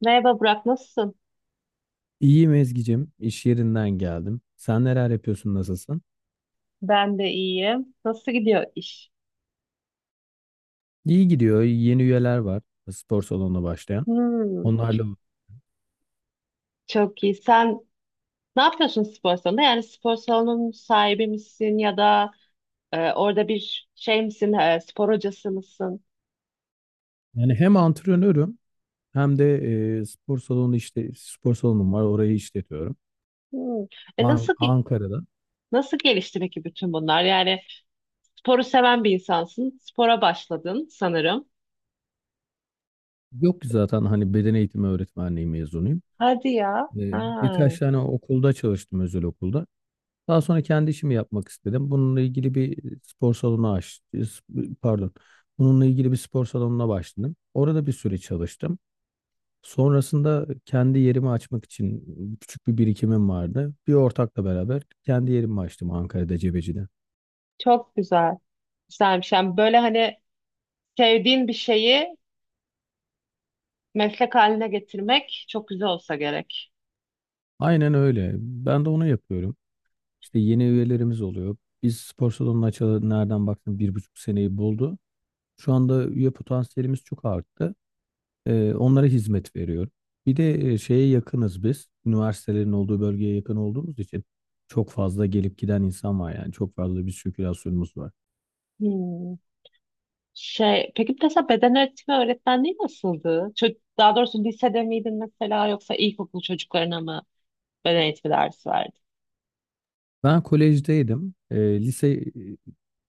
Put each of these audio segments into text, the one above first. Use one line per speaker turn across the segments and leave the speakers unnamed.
Merhaba Burak, nasılsın?
İyiyim Ezgi'cim. İş yerinden geldim. Sen neler yapıyorsun, nasılsın?
Ben de iyiyim. Nasıl gidiyor iş?
İyi gidiyor. Yeni üyeler var. Spor salonuna başlayan.
Hmm,
Onlarla
çok iyi. Sen ne yapıyorsun spor salonunda? Yani spor salonunun sahibi misin ya da orada bir şey misin, spor hocası mısın?
yani hem antrenörüm hem de spor salonu işte spor salonum var. Orayı işletiyorum.
Hmm. E, nasıl gi-
Ankara'da.
Nasıl gelişti peki bütün bunlar? Yani sporu seven bir insansın, spora başladın sanırım.
Yok ki zaten hani beden eğitimi öğretmenliği mezunuyum.
Hadi ya.
E,
Ha,
birkaç tane okulda çalıştım özel okulda. Daha sonra kendi işimi yapmak istedim. Bununla ilgili bir spor salonu aç, pardon. Bununla ilgili bir spor salonuna başladım. Orada bir süre çalıştım. Sonrasında kendi yerimi açmak için küçük bir birikimim vardı. Bir ortakla beraber kendi yerimi açtım Ankara'da Cebeci'de.
çok güzel. Güzelmiş. Yani böyle hani sevdiğin bir şeyi meslek haline getirmek çok güzel olsa gerek.
Aynen öyle. Ben de onu yapıyorum. İşte yeni üyelerimiz oluyor. Biz spor salonunu açalı nereden baktım 1,5 seneyi buldu. Şu anda üye potansiyelimiz çok arttı. Onlara hizmet veriyorum. Bir de şeye yakınız biz. Üniversitelerin olduğu bölgeye yakın olduğumuz için çok fazla gelip giden insan var yani. Çok fazla bir sirkülasyonumuz var.
Hmm. Şey, peki mesela beden eğitimi öğretmenliği nasıldı? Daha doğrusu lisede miydin mesela yoksa ilkokul çocuklarına mı beden eğitimi dersi verdin?
Ben kolejdeydim. Ee, lise e,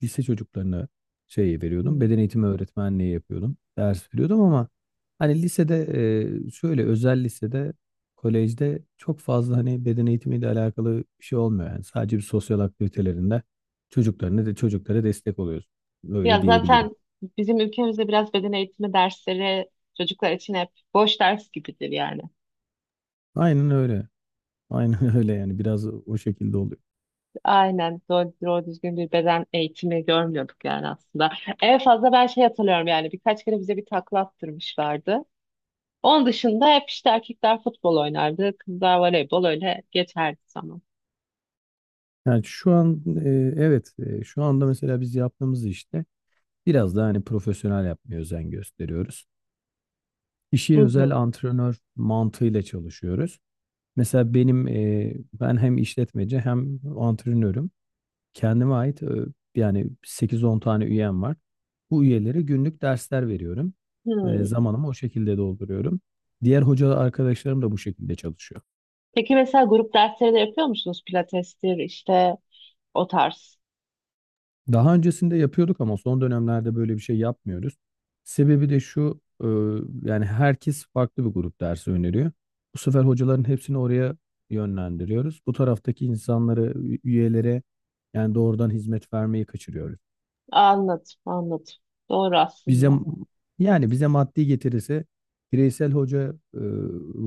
lise çocuklarına şey veriyordum.
Hmm.
Beden eğitimi öğretmenliği yapıyordum. Ders veriyordum ama hani lisede şöyle özel lisede kolejde çok fazla hani beden eğitimiyle alakalı bir şey olmuyor yani. Sadece bir sosyal aktivitelerinde çocuklarına de çocuklara destek oluyoruz. Öyle
Ya
diyebilirim.
zaten bizim ülkemizde biraz beden eğitimi dersleri çocuklar için hep boş ders gibidir yani.
Aynen öyle. Aynen öyle yani biraz o şekilde oluyor.
Aynen doğru, doğru düzgün bir beden eğitimi görmüyorduk yani aslında. En fazla ben şey hatırlıyorum yani birkaç kere bize bir takla attırmışlardı. Onun dışında hep işte erkekler futbol oynardı, kızlar voleybol öyle geçerdi zaman.
Yani şu an evet şu anda mesela biz yaptığımız işte biraz daha hani profesyonel yapmaya özen gösteriyoruz.
Hı
İşi
hı.
özel antrenör mantığıyla çalışıyoruz. Mesela ben hem işletmeci hem antrenörüm. Kendime ait yani 8-10 tane üyem var. Bu üyelere günlük dersler veriyorum. E,
Hmm.
zamanımı o şekilde dolduruyorum. Diğer hoca arkadaşlarım da bu şekilde çalışıyor.
Peki mesela grup dersleri de yapıyor musunuz? Pilatestir işte o tarz.
Daha öncesinde yapıyorduk ama son dönemlerde böyle bir şey yapmıyoruz. Sebebi de şu, yani herkes farklı bir grup dersi öneriyor. Bu sefer hocaların hepsini oraya yönlendiriyoruz. Bu taraftaki insanları, üyelere yani doğrudan hizmet vermeyi kaçırıyoruz.
Anladım, anladım. Doğru
Bize
aslında.
yani bize maddi getirisi bireysel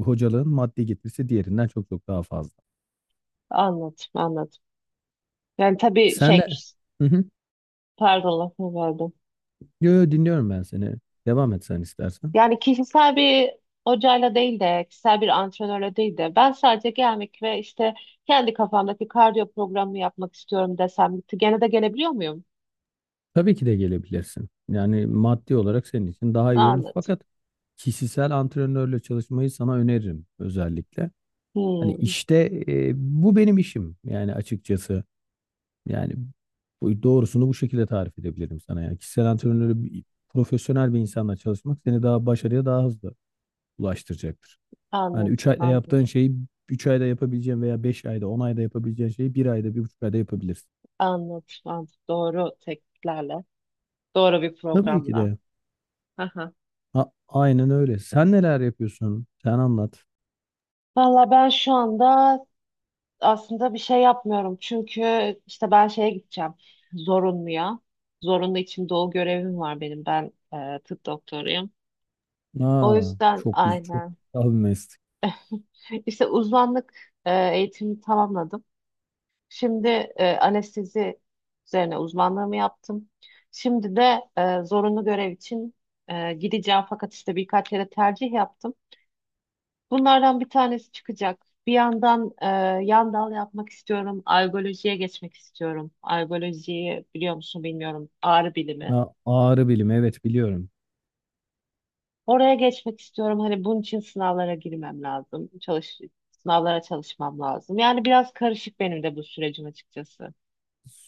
hocalığın maddi getirisi diğerinden çok çok daha fazla.
Anladım, anladım. Yani tabii
Sen
şey,
de. Hı hı.
pardon lafını böldüm.
Yo, yo, dinliyorum ben seni. Devam et sen istersen.
Yani kişisel bir hocayla değil de, kişisel bir antrenörle değil de, ben sadece gelmek ve işte kendi kafamdaki kardiyo programını yapmak istiyorum desem, gitti. Gene de gelebiliyor muyum?
Tabii ki de gelebilirsin. Yani maddi olarak senin için daha iyi olur.
Anladım.
Fakat kişisel antrenörle çalışmayı sana öneririm özellikle. Hani
Hmm,
işte bu benim işim yani açıkçası. Yani bu doğrusunu bu şekilde tarif edebilirim sana. Yani kişisel antrenörle profesyonel bir insanla çalışmak seni daha başarıya daha hızlı ulaştıracaktır. Hani
anladım,
3 ayda
anladım,
yaptığın şeyi 3 ayda yapabileceğin veya 5 ayda 10 ayda yapabileceğin şeyi bir ayda 1,5 ayda yapabilirsin.
anladım, anladım. Doğru tekniklerle, doğru bir
Tabii ki
programla.
de.
Aha.
Aynen öyle. Sen neler yapıyorsun? Sen anlat.
Valla ben şu anda aslında bir şey yapmıyorum. Çünkü işte ben şeye gideceğim, zorunluya. Zorunlu için doğu görevim var benim, ben tıp doktoruyum. O
Aa,
yüzden
çok güzel, çok
aynen.
güzel bir meslek.
İşte uzmanlık e, eğitimini tamamladım. Şimdi anestezi üzerine uzmanlığımı yaptım. Şimdi de zorunlu görev için gideceğim fakat işte birkaç yere tercih yaptım. Bunlardan bir tanesi çıkacak. Bir yandan yan dal yapmak istiyorum. Algolojiye geçmek istiyorum. Algolojiyi biliyor musun bilmiyorum. Ağrı bilimi.
Aa, ağrı bilimi, evet biliyorum.
Oraya geçmek istiyorum. Hani bunun için sınavlara girmem lazım. Sınavlara çalışmam lazım. Yani biraz karışık benim de bu sürecim açıkçası.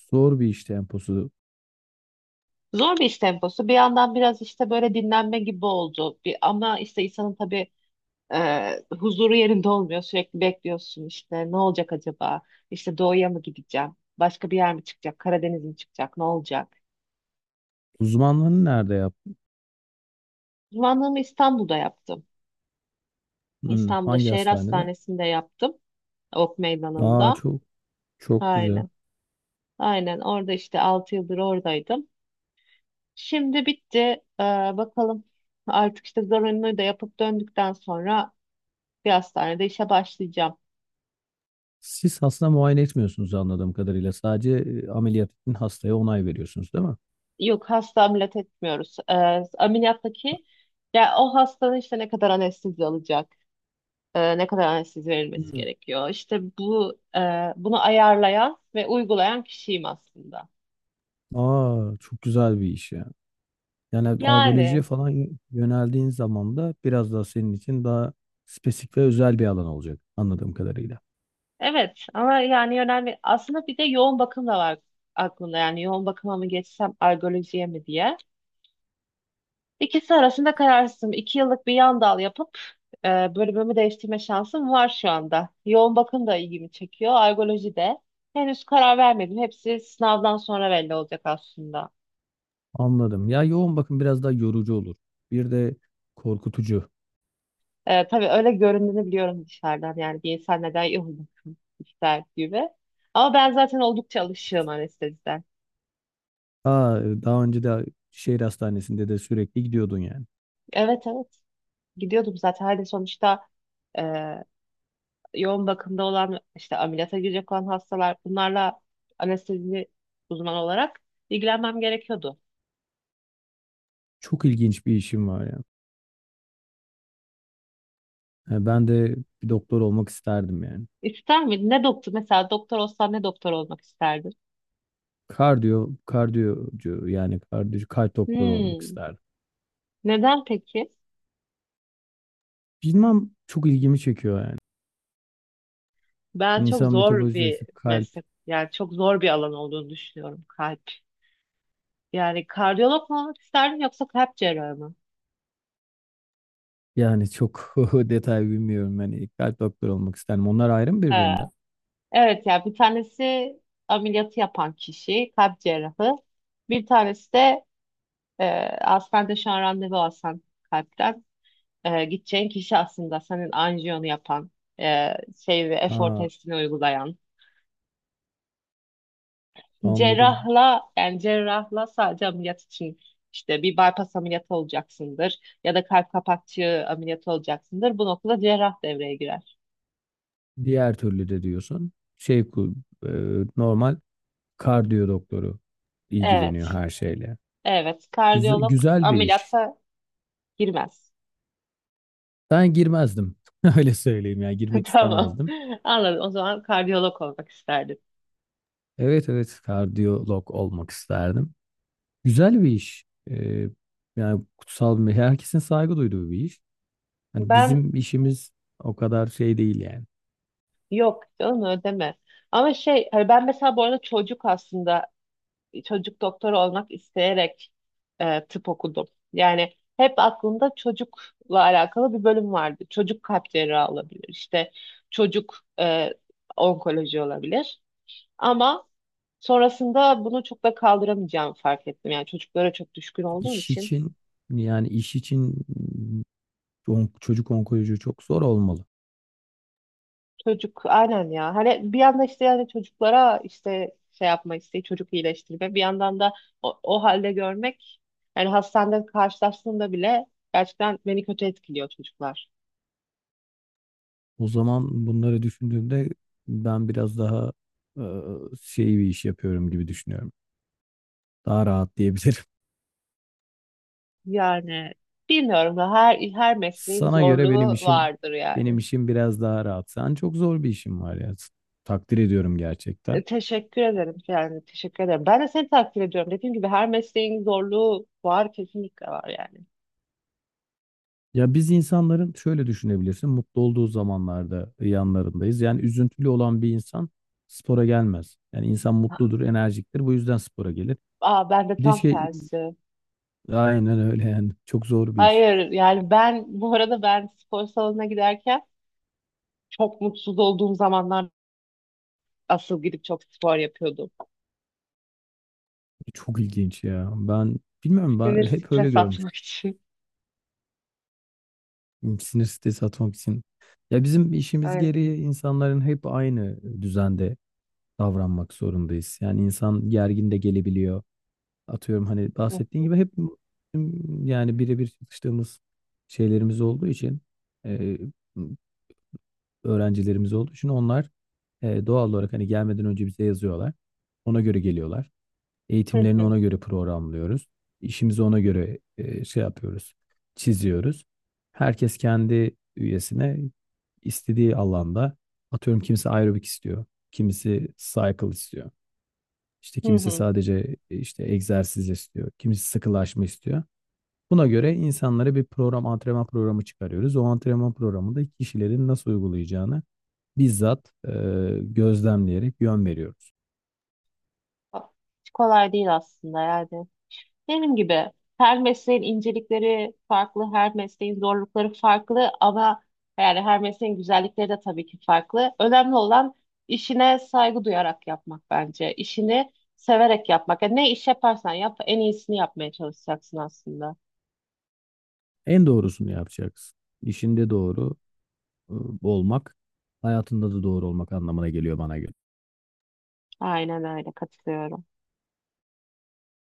Zor bir iş temposu.
Zor bir iş temposu. Bir yandan biraz işte böyle dinlenme gibi oldu. Bir, ama işte insanın tabii huzuru yerinde olmuyor. Sürekli bekliyorsun işte ne olacak acaba? İşte doğuya mı gideceğim? Başka bir yer mi çıkacak? Karadeniz mi çıkacak? Ne olacak?
Uzmanlığını nerede yap?
Uzmanlığımı İstanbul'da yaptım.
Hmm,
İstanbul'da
hangi
şehir
hastanede?
hastanesinde yaptım. Ok
Aa,
meydanında.
çok çok güzel.
Aynen. Aynen orada işte 6 yıldır oradaydım. Şimdi bitti. Ee, Bakalım artık işte zorunluluğu da yapıp döndükten sonra bir hastanede işe başlayacağım.
Siz hasta muayene etmiyorsunuz anladığım kadarıyla. Sadece ameliyat için hastaya onay veriyorsunuz, değil mi?
Yok hasta ameliyat etmiyoruz. Ameliyattaki ya o hastanın işte ne kadar anestezi alacak, ne kadar anestezi verilmesi
Hmm.
gerekiyor. İşte bu bunu ayarlayan ve uygulayan kişiyim aslında.
Aa, çok güzel bir iş ya. Yani
Yani
algolojiye falan yöneldiğin zaman da biraz daha senin için daha spesifik ve özel bir alan olacak anladığım kadarıyla.
evet ama yani önemli. Aslında bir de yoğun bakım da var aklımda. Yani yoğun bakıma mı geçsem algolojiye mi diye. İkisi arasında kararsızım. İki yıllık bir yan dal yapıp bölümümü değiştirme şansım var şu anda. Yoğun bakım da ilgimi çekiyor. Algoloji de. Henüz karar vermedim. Hepsi sınavdan sonra belli olacak aslında.
Anladım. Ya yoğun bakım biraz daha yorucu olur. Bir de korkutucu.
Tabii öyle göründüğünü biliyorum dışarıdan. Yani bir insan neden yoğun bakım ister gibi. Ama ben zaten oldukça alışığım anesteziden.
Aa, daha önce de şehir hastanesinde de sürekli gidiyordun yani.
Evet, evet. Gidiyordum zaten. Hani sonuçta e, yoğun bakımda olan işte ameliyata girecek olan hastalar bunlarla anestezi uzmanı olarak ilgilenmem gerekiyordu.
Çok ilginç bir işim var ya. Ha, ben de bir doktor olmak isterdim yani.
İster miydin? Ne doktor? Mesela doktor olsan ne doktor olmak isterdin?
Kardiyo, kardiyocu yani kardiyo, kalp doktoru olmak
Hmm.
isterdim.
Neden peki?
Bilmem çok ilgimi çekiyor yani.
Ben çok
İnsan
zor bir
metabolizması, kalp
meslek, yani çok zor bir alan olduğunu düşünüyorum kalp. Yani kardiyolog mu olmak isterdin yoksa kalp cerrahı mı?
yani çok detay bilmiyorum. Yani kalp doktoru olmak isterdim. Onlar ayrı mı
Ee,
birbirinden?
evet ya bir tanesi ameliyatı yapan kişi, kalp cerrahı. Bir tanesi de Ee, aslında şu an randevu alsan kalpten gideceğin kişi aslında senin anjiyonu yapan şey ve efor
Ha,
testini uygulayan
anladım.
cerrahla yani cerrahla sadece ameliyat için işte bir bypass ameliyatı olacaksındır ya da kalp kapakçığı ameliyatı olacaksındır. Bu noktada cerrah devreye girer.
Diğer türlü de diyorsun şey e, normal kardiyo doktoru ilgileniyor
Evet.
her şeyle.
Evet.
Güzel,
Kardiyolog
güzel bir iş.
ameliyata girmez.
Ben girmezdim. Öyle söyleyeyim ya girmek
Tamam.
istemezdim.
Anladım. O zaman kardiyolog olmak isterdim.
Evet evet kardiyolog olmak isterdim. Güzel bir iş. Ee, yani kutsal bir herkesin saygı duyduğu bir iş. Hani
Ben
bizim işimiz o kadar şey değil yani.
yok canım ödeme. Ama şey hani ben mesela bu arada çocuk aslında çocuk doktoru olmak isteyerek tıp okudum. Yani hep aklımda çocukla alakalı bir bölüm vardı. Çocuk kalp cerrahı olabilir. İşte çocuk onkoloji olabilir. Ama sonrasında bunu çok da kaldıramayacağımı fark ettim. Yani çocuklara çok düşkün olduğum
İş
için.
için iş için çocuk onkoloji çok zor olmalı.
Çocuk aynen ya. Hani bir yanda işte yani çocuklara işte şey yapma isteği, çocuk iyileştirme. Bir yandan da o, o halde görmek yani hastanede karşılaştığımda bile gerçekten beni kötü etkiliyor çocuklar.
O zaman bunları düşündüğümde ben biraz daha e, şey bir iş yapıyorum gibi düşünüyorum. Daha rahat diyebilirim.
Yani bilmiyorum da her mesleğin
Sana göre benim
zorluğu
işim
vardır
benim
yani.
işim biraz daha rahat. Sen çok zor bir işin var ya. Takdir ediyorum gerçekten.
Teşekkür ederim yani teşekkür ederim. Ben de seni takdir ediyorum. Dediğim gibi her mesleğin zorluğu var kesinlikle var yani.
Ya biz insanların şöyle düşünebilirsin. Mutlu olduğu zamanlarda yanlarındayız. Yani üzüntülü olan bir insan spora gelmez. Yani insan mutludur, enerjiktir. Bu yüzden spora gelir.
Aa ben de
Bir de
tam
şey
tersi.
aynen öyle yani. Çok zor bir iş.
Hayır yani ben bu arada ben spor salonuna giderken çok mutsuz olduğum zamanlar asıl gidip çok spor yapıyordum.
Çok ilginç ya. Ben bilmiyorum
Sinir
ben hep öyle
stres atmak
görmüştüm.
için.
Sinir sitesi atmak için. Ya bizim işimiz
Öyle.
gereği insanların hep aynı düzende davranmak zorundayız. Yani insan gergin de gelebiliyor. Atıyorum hani
Hı
bahsettiğin
hı.
gibi hep yani birebir çalıştığımız şeylerimiz olduğu için e, öğrencilerimiz olduğu için onlar doğal olarak hani gelmeden önce bize yazıyorlar. Ona göre geliyorlar.
Hı
Eğitimlerini
hı.
ona göre programlıyoruz. İşimizi ona göre şey yapıyoruz, çiziyoruz. Herkes kendi üyesine istediği alanda atıyorum kimisi aerobik istiyor, kimisi cycle istiyor. İşte
Hı
kimisi
hı.
sadece işte egzersiz istiyor, kimisi sıkılaşma istiyor. Buna göre insanlara bir program, antrenman programı çıkarıyoruz. O antrenman programında kişilerin nasıl uygulayacağını bizzat gözlemleyerek yön veriyoruz.
Hiç kolay değil aslında yani. Benim gibi her mesleğin incelikleri farklı, her mesleğin zorlukları farklı ama yani her mesleğin güzellikleri de tabii ki farklı. Önemli olan işine saygı duyarak yapmak bence. İşini severek yapmak. Yani ne iş yaparsan yap, en iyisini yapmaya çalışacaksın aslında.
En doğrusunu yapacaksın. İşinde doğru e, olmak, hayatında da doğru olmak anlamına geliyor bana göre.
Aynen öyle katılıyorum.